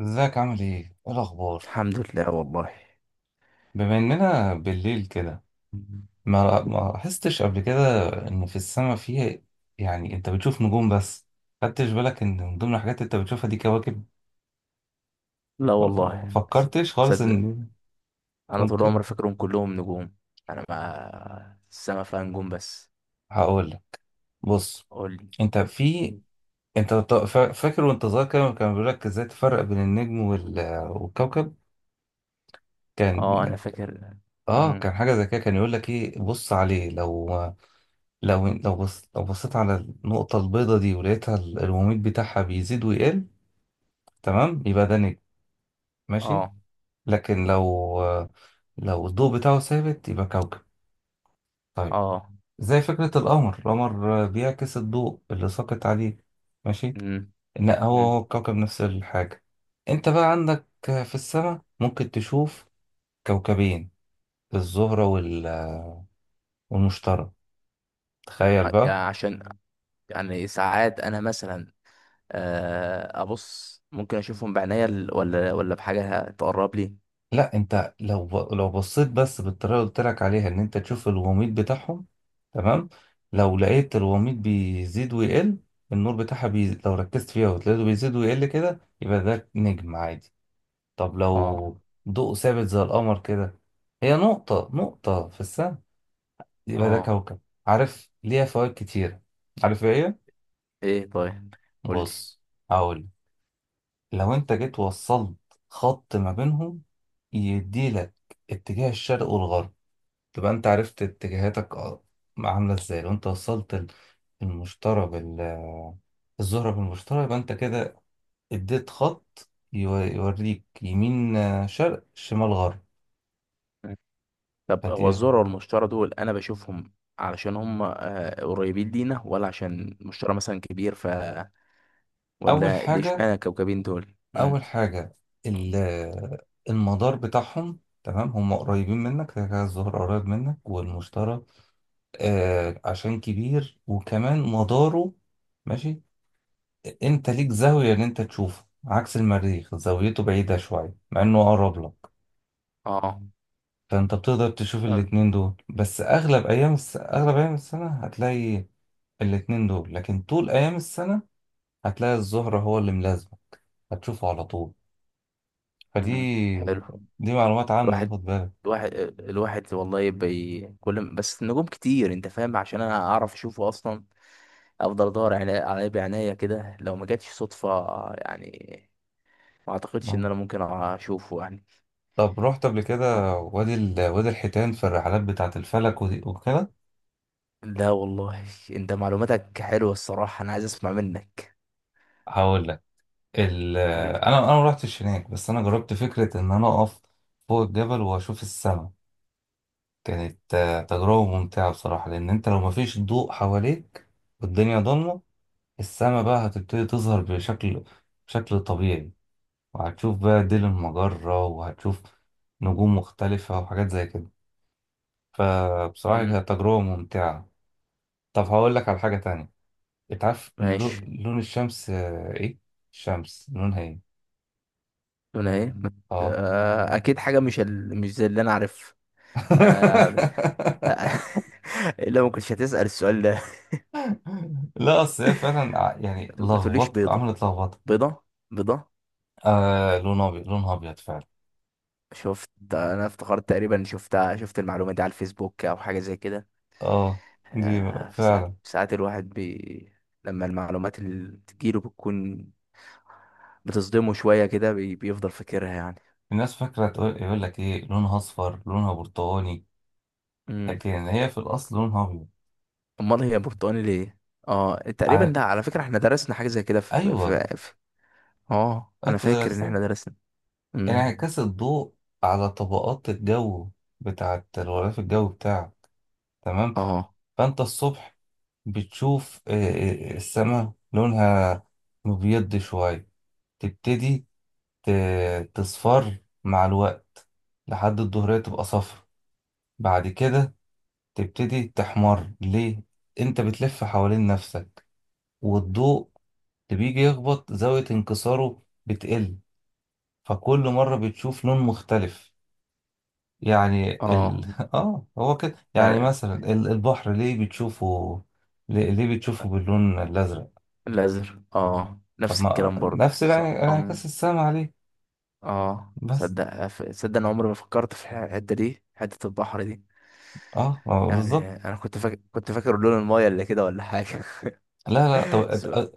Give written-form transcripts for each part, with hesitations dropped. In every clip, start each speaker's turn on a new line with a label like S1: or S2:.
S1: ازيك؟ عامل ايه؟ ايه الأخبار؟
S2: الحمد لله والله.
S1: بما إننا بالليل كده، ما لاحظتش قبل كده إن في السماء فيه، يعني أنت بتشوف نجوم بس. خدتش بالك إن من ضمن الحاجات اللي أنت بتشوفها دي كواكب؟
S2: لا والله
S1: فكرتش خالص
S2: صدق
S1: إن
S2: انا طول
S1: ممكن؟
S2: عمري فاكرهم كلهم نجوم. انا ما السما فيها نجوم بس؟
S1: هقول لك. بص،
S2: قول لي.
S1: أنت في فاكر وأنت صغير كده كان بيقول لك إزاي تفرق بين النجم والكوكب؟ كان
S2: اه، انا فاكر.
S1: آه
S2: امم.
S1: كان حاجة زي كده، كان يقول لك إيه، بص عليه، لو لو لو بص لو بصيت على النقطة البيضة دي ولقيتها الوميض بتاعها بيزيد ويقل، تمام، يبقى ده نجم. ماشي؟
S2: اه.
S1: لكن لو الضوء بتاعه ثابت يبقى كوكب. طيب،
S2: اه.
S1: زي فكرة القمر، القمر بيعكس الضوء اللي ساقط عليه، ماشي؟
S2: امم.
S1: إن هو
S2: امم.
S1: هو الكوكب نفس الحاجة. أنت بقى عندك في السماء ممكن تشوف كوكبين، الزهرة والمشتري. تخيل
S2: يعني
S1: بقى.
S2: عشان، يعني ساعات انا مثلا، ابص ممكن اشوفهم بعينيا ولا بحاجه تقرب لي.
S1: لا انت لو لو بصيت بس بالطريقه اللي قلت لك عليها ان انت تشوف الوميض بتاعهم، تمام، لو لقيت الوميض بيزيد ويقل، النور بتاعها لو ركزت فيها وتلاقيته بيزيد ويقل كده، يبقى ده نجم عادي. طب لو
S2: اه.
S1: ضوء ثابت زي القمر كده، هي نقطه في السماء، يبقى ده
S2: اه.
S1: كوكب. عارف ليها فوائد كتيره؟ عارف ايه هي؟
S2: ايه طيب، قول لي.
S1: بص، هقول. لو انت جيت وصلت خط ما بينهم، يديلك اتجاه الشرق والغرب، تبقى انت عرفت اتجاهاتك. اه، عاملة ازاي؟ لو انت وصلت ال- المشترى بال الزهرة بالمشترى، يبقى انت كده اديت خط يوريك يمين، شرق شمال غرب.
S2: طب هو
S1: فدي
S2: الذرة والمشتري دول أنا بشوفهم علشان هم قريبين لينا، ولا عشان المشتري مثلا كبير؟
S1: اول
S2: ولا ليه
S1: حاجة
S2: اشمعنى الكوكبين دول؟
S1: اول
S2: مم.
S1: حاجة المدار بتاعهم، تمام، هم قريبين منك كده كده، الزهر قريب منك، والمشترى آه عشان كبير وكمان مداره. ماشي، انت ليك زاوية ان انت تشوفه عكس المريخ، زاويته بعيدة شوية مع انه اقرب لك.
S2: اه.
S1: فانت بتقدر تشوف
S2: فاهم.
S1: الاتنين دول، بس اغلب ايام السنة هتلاقي الاتنين دول، لكن طول ايام السنة هتلاقي الزهرة هو اللي ملازمة، هتشوفه على طول. فدي
S2: مم. حلو.
S1: دي معلومات عامة، دي
S2: الواحد
S1: خد بالك.
S2: الواحد الواحد والله كل ما- بس النجوم كتير، انت فاهم؟ عشان انا اعرف اشوفه اصلا افضل ادور عليه بعناية كده، لو ما جاتش صدفة يعني. ما اعتقدش ان
S1: اه.
S2: انا ممكن اشوفه يعني.
S1: طب رحت قبل كده وادي الحيتان في الرحلات بتاعة الفلك ودي وكده؟
S2: لا والله، انت معلوماتك حلوة الصراحة، انا عايز اسمع منك.
S1: هقول لك. ال...
S2: قول.
S1: انا انا ما رحتش هناك، بس انا جربت فكرة ان انا اقف فوق الجبل واشوف السماء. كانت تجربة ممتعة بصراحة، لأن أنت لو مفيش ضوء حواليك والدنيا ضلمة، السما بقى هتبتدي تظهر بشكل طبيعي، وهتشوف بقى ديل المجرة، وهتشوف نجوم مختلفة وحاجات زي كده. فبصراحة
S2: مم.
S1: كانت تجربة ممتعة. طب هقول لك على حاجة تانية. أنت عارف اللو-
S2: ماشي.
S1: لون الشمس إيه؟ الشمس لونها إيه؟
S2: هنا ايه؟
S1: آه.
S2: اكيد حاجه مش زي اللي انا عارف. آه. الا ما كنتش هتسال السؤال ده.
S1: لا أصل هي فعلا يعني
S2: ما تقوليش
S1: لخبط،
S2: بيضه.
S1: عملت لخبطة.
S2: بيضه. بيضه.
S1: آه لون أبيض، لونها أبيض فعلا.
S2: شفت؟ انا افتكرت تقريبا شفت المعلومه دي على الفيسبوك او حاجه زي كده.
S1: اه، دي بقى
S2: في
S1: فعلا.
S2: ساعات الواحد لما المعلومات اللي بتجيله بتكون بتصدمه شويه كده، بيفضل فاكرها يعني.
S1: الناس فاكرة، تقول يقول لك ايه لونها اصفر، لونها برتقاني،
S2: مم.
S1: لكن هي في الاصل لونها ابيض.
S2: امال هي برتقاني ليه؟ اه، تقريبا
S1: على...
S2: ده على فكره احنا درسنا حاجه زي كده
S1: ايوه
S2: في، اه انا
S1: انت
S2: فاكر ان
S1: درستها،
S2: احنا درسنا. امم.
S1: انعكاس الضوء على طبقات الجو بتاعت الغلاف الجوي بتاعك، تمام.
S2: اه.
S1: فانت الصبح بتشوف السماء لونها مبيض شوية، تبتدي تصفر مع الوقت، لحد الظهرية تبقى صفر، بعد كده تبتدي تحمر. ليه؟ انت بتلف حوالين نفسك، والضوء اللي بيجي يخبط زاوية انكساره بتقل، فكل مرة بتشوف لون مختلف. يعني
S2: اه.
S1: ال... اه هو كده. يعني
S2: يعني
S1: مثلا البحر ليه بتشوفه، ليه بتشوفه باللون الأزرق؟
S2: الازهر، اه،
S1: طب
S2: نفس
S1: ما
S2: الكلام برضه.
S1: نفس انعكاس
S2: أم.
S1: السما عليه
S2: اه،
S1: بس.
S2: صدق، صدق انا عمري ما فكرت في الحته دي، حته البحر دي
S1: اه
S2: يعني.
S1: بالظبط.
S2: انا كنت فاكر لون المايه اللي كده، ولا حاجه.
S1: لا لا طب
S2: سؤال.
S1: أت-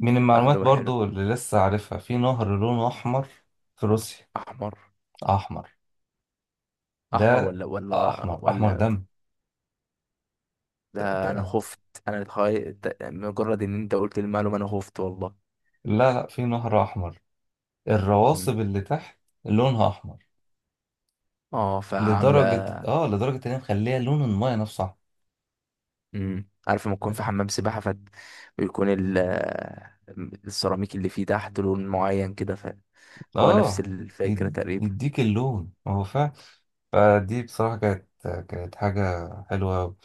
S1: من المعلومات
S2: معلومه حلو.
S1: برضو اللي لسه عارفها، في نهر لونه أحمر في روسيا.
S2: احمر.
S1: أحمر ده،
S2: احمر، ولا
S1: احمر احمر
S2: ولا.
S1: دم. ت-
S2: ده انا
S1: ت-
S2: خفت. انا اتخيل مجرد ان انت قلت المعلومه انا خفت والله.
S1: لا لا، في نهر احمر،
S2: مم.
S1: الرواسب اللي تحت لونها احمر،
S2: اه،
S1: لدرجه
S2: فعامله.
S1: اه لدرجه ان هي مخليها لون المايه نفسه احمر.
S2: مم. عارف لما تكون في
S1: ماشي.
S2: حمام سباحه ويكون السيراميك اللي فيه تحت لون معين كده، هو نفس
S1: اه،
S2: الفكره
S1: يد-
S2: تقريبا.
S1: يديك اللون هو فعلا. فدي بصراحه كانت حاجه حلوه أوي.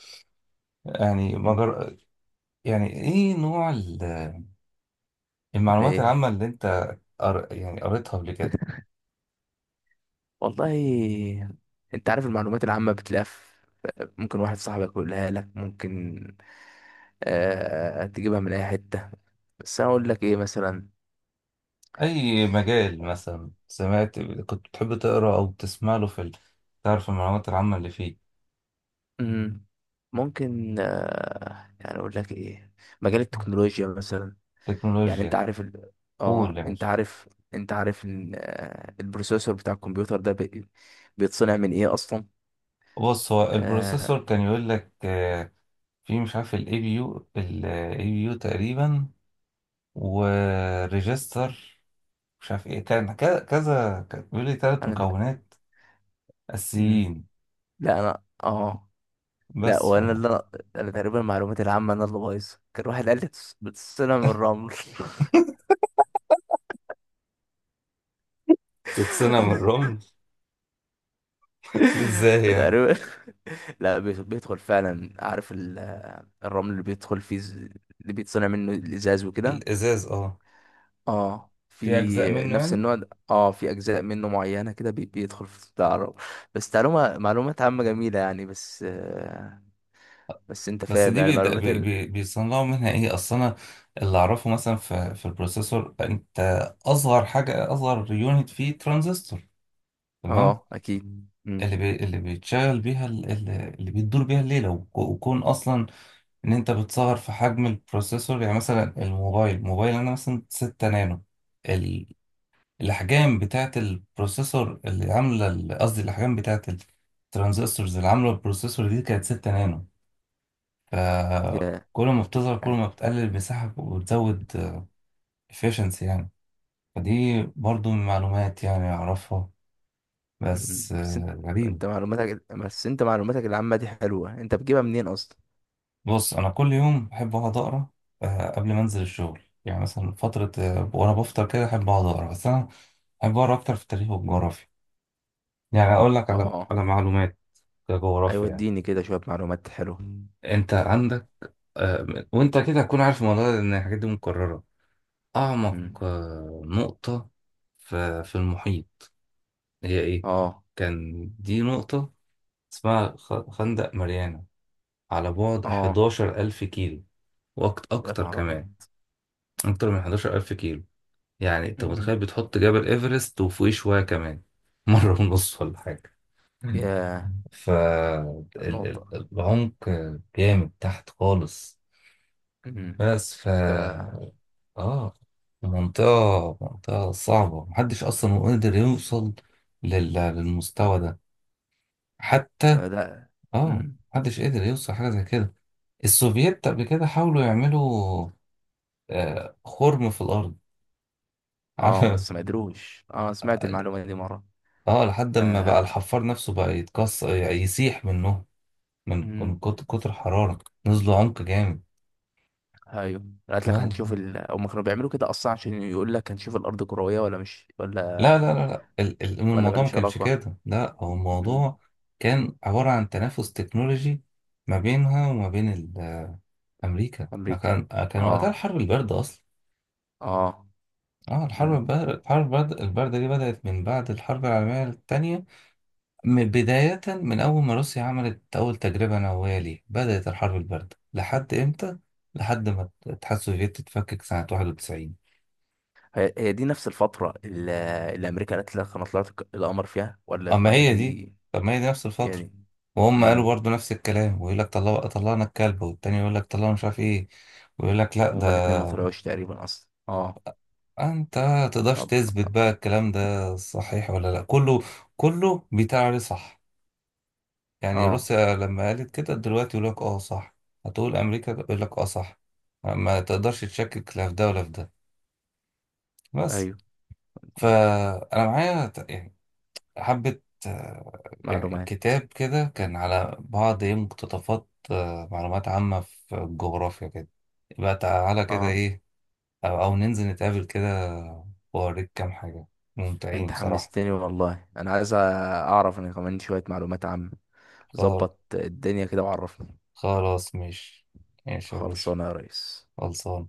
S1: يعني
S2: مم.
S1: مجر... يعني ايه نوع المعلومات
S2: ليه؟
S1: العامه اللي انت يعني قريتها قبل كده؟
S2: والله انت عارف المعلومات العامه بتلاقيها ممكن واحد صاحبك يقولها لك، ممكن تجيبها من اي حته. بس انا اقول لك ايه مثلا.
S1: اي مجال مثلا سمعت كنت بتحب تقرا او تسمع له في ال...، تعرف المعلومات العامه اللي فيه؟
S2: مم. ممكن يعني اقول لك ايه. مجال التكنولوجيا مثلا. يعني انت
S1: تكنولوجيا.
S2: عارف
S1: قول
S2: اه،
S1: يا
S2: انت
S1: باشا.
S2: عارف. انت عارف ان البروسيسور بتاع الكمبيوتر ده بيتصنع من ايه اصلا؟
S1: بص، هو
S2: آه،
S1: البروسيسور كان يقول لك في مش عارف الاي بي يو، الاي بي يو تقريبا وريجستر مش عارف ايه، كان كذا كذا، كان بيقول لي ثلاث
S2: انا.
S1: مكونات
S2: مم.
S1: اساسيين.
S2: لا، انا، اه، لا،
S1: بس،
S2: وانا اللي انا. أنا تقريبا المعلومات العامه انا اللي بايظه، كان واحد قال لي بتتصنع من الرمل.
S1: فتتصنع من الرمل. ازاي يعني؟
S2: فتقريبا لا، بيدخل فعلا، عارف الرمل اللي بيدخل فيه، اللي بيتصنع منه الازاز وكده.
S1: الازاز اه،
S2: اه.
S1: في اجزاء
S2: في
S1: منه
S2: نفس
S1: يعني.
S2: النوع ده، اه، في اجزاء منه معينه كده بيدخل في بتاع الرمل. بس معلومات عامه جميله يعني، بس آه، بس انت
S1: بس
S2: فاهم
S1: دي
S2: يعني،
S1: بيد-
S2: معلومات
S1: بي بي بيصنعوا منها ايه؟ اصل انا اللي اعرفه مثلا في البروسيسور، انت اصغر حاجه، اصغر يونت فيه ترانزستور، تمام،
S2: اه اكيد. امم.
S1: اللي بيتشغل بيها اللي بيدور بيها الليلة وكون أصلا إن أنت بتسهر في حجم البروسيسور. يعني مثلا الموبايل، الموبايل أنا مثلا 6 نانو، ال... الأحجام بتاعة البروسيسور اللي عاملة قصدي الأحجام بتاعة الترانزستورز اللي عاملة البروسيسور دي كانت 6 نانو.
S2: يا
S1: فكل ما بتظهر كل
S2: يعني.
S1: ما بتقلل المساحة وبتزود efficiency يعني. فدي برضو من معلومات يعني أعرفها،
S2: مم.
S1: بس
S2: بس انت
S1: غريبة.
S2: انت معلوماتك بس انت معلوماتك العامه دي حلوه، انت بتجيبها منين اصلا؟
S1: بص انا كل يوم بحب اقعد اقرا، قبل ما انزل الشغل، يعني مثلا فتره وانا بفطر كده احب اقعد اقرا، بس انا بحب اقرا اكتر في التاريخ والجغرافيا. يعني اقول لك على
S2: اه.
S1: معلومات
S2: ايوه،
S1: جغرافيا يعني.
S2: اديني كده شويه معلومات حلوه.
S1: انت عندك آه، وانت كده هتكون عارف الموضوع ده لان الحاجات دي مكرره. اعمق
S2: مم.
S1: نقطه في المحيط هي ايه؟
S2: اه.
S1: كان دي نقطه اسمها خندق ماريانا، على بعد
S2: اه.
S1: 11,000 كيلو
S2: يا
S1: وأكتر
S2: نهار
S1: كمان،
S2: ابيض.
S1: أكتر من 11,000 كيلو. يعني انت متخيل
S2: مم.
S1: بتحط جبل ايفرست وفوقيه شوية كمان، مرة ونص ولا حاجة. مم.
S2: يا النقطة.
S1: فالعمق جامد تحت خالص.
S2: مم.
S1: بس ف
S2: ده
S1: اه، منطقة صعبة، محدش أصلا قدر يوصل للمستوى ده حتى.
S2: ده.
S1: اه،
S2: مم.
S1: محدش قدر يوصل حاجة زي كده. السوفييت قبل كده حاولوا يعملوا آه خرم في الأرض.
S2: اه، بس ما قدروش. اه، سمعت
S1: عارف،
S2: المعلومة دي مرة.
S1: اه، لحد ما بقى
S2: آه.
S1: الحفار نفسه بقى يتكسر يسيح منه من
S2: مم.
S1: كتر حرارة. نزلوا عمق جامد.
S2: ايوه. قالت لك
S1: لا
S2: هنشوف هم كانوا بيعملوا كده اصلا عشان يقول لك هنشوف الارض كروية ولا مش، ولا
S1: لا.
S2: ولا
S1: الموضوع ما
S2: ملوش
S1: كانش
S2: علاقة.
S1: كده، لا هو
S2: مم.
S1: الموضوع كان عبارة عن تنافس تكنولوجي ما بينها وما بين أمريكا.
S2: امريكا.
S1: كان وقتها
S2: اه.
S1: الحرب الباردة أصلا.
S2: اه.
S1: اه الحرب
S2: مم.
S1: الباردة، الحرب الباردة دي بدأت من بعد الحرب العالمية التانية، بداية من أول ما روسيا عملت أول تجربة نووية. ليه بدأت الحرب الباردة؟ لحد إمتى؟ لحد ما الاتحاد السوفيتي اتفكك سنة 91.
S2: هي دي نفس الفترة اللي، اللي امريكا قالت لك انا طلعت القمر فيها، ولا
S1: أما
S2: ولا
S1: هي دي،
S2: دي.
S1: طب ما هي دي نفس
S2: هي
S1: الفترة،
S2: دي.
S1: وهم قالوا
S2: امم.
S1: برضو نفس الكلام، ويقول لك طلعوا، طلعنا الكلب، والتاني يقول لك طلعوا مش عارف إيه، ويقول لك لأ ده.
S2: هما الاتنين ما طلعوش تقريبا اصلا. اه.
S1: أنت متقدرش
S2: طب.
S1: تثبت بقى الكلام ده صحيح ولا لأ، كله كله بيتعري، صح؟ يعني
S2: اه.
S1: روسيا لما قالت كده دلوقتي يقول لك اه صح، هتقول امريكا يقول لك اه صح، ما تقدرش تشكك لا في ده ولا في ده. بس،
S2: ايوه
S1: فانا معايا يعني حبة آه، يعني
S2: معلومات.
S1: كتاب كده كان على بعض ايه، مقتطفات معلومات عامة في الجغرافيا كده. يبقى تعالى كده
S2: اه،
S1: ايه، أو ننزل نتقابل كده واوريك كام حاجة ممتعين
S2: انت
S1: بصراحة.
S2: حمستني والله، انا عايز اعرف انا كمان شوية معلومات عامة،
S1: خل-
S2: ظبط الدنيا كده وعرفني.
S1: خلاص ماشي، ماشي يا باشا.
S2: خلصانه يا ريس.
S1: خلصان.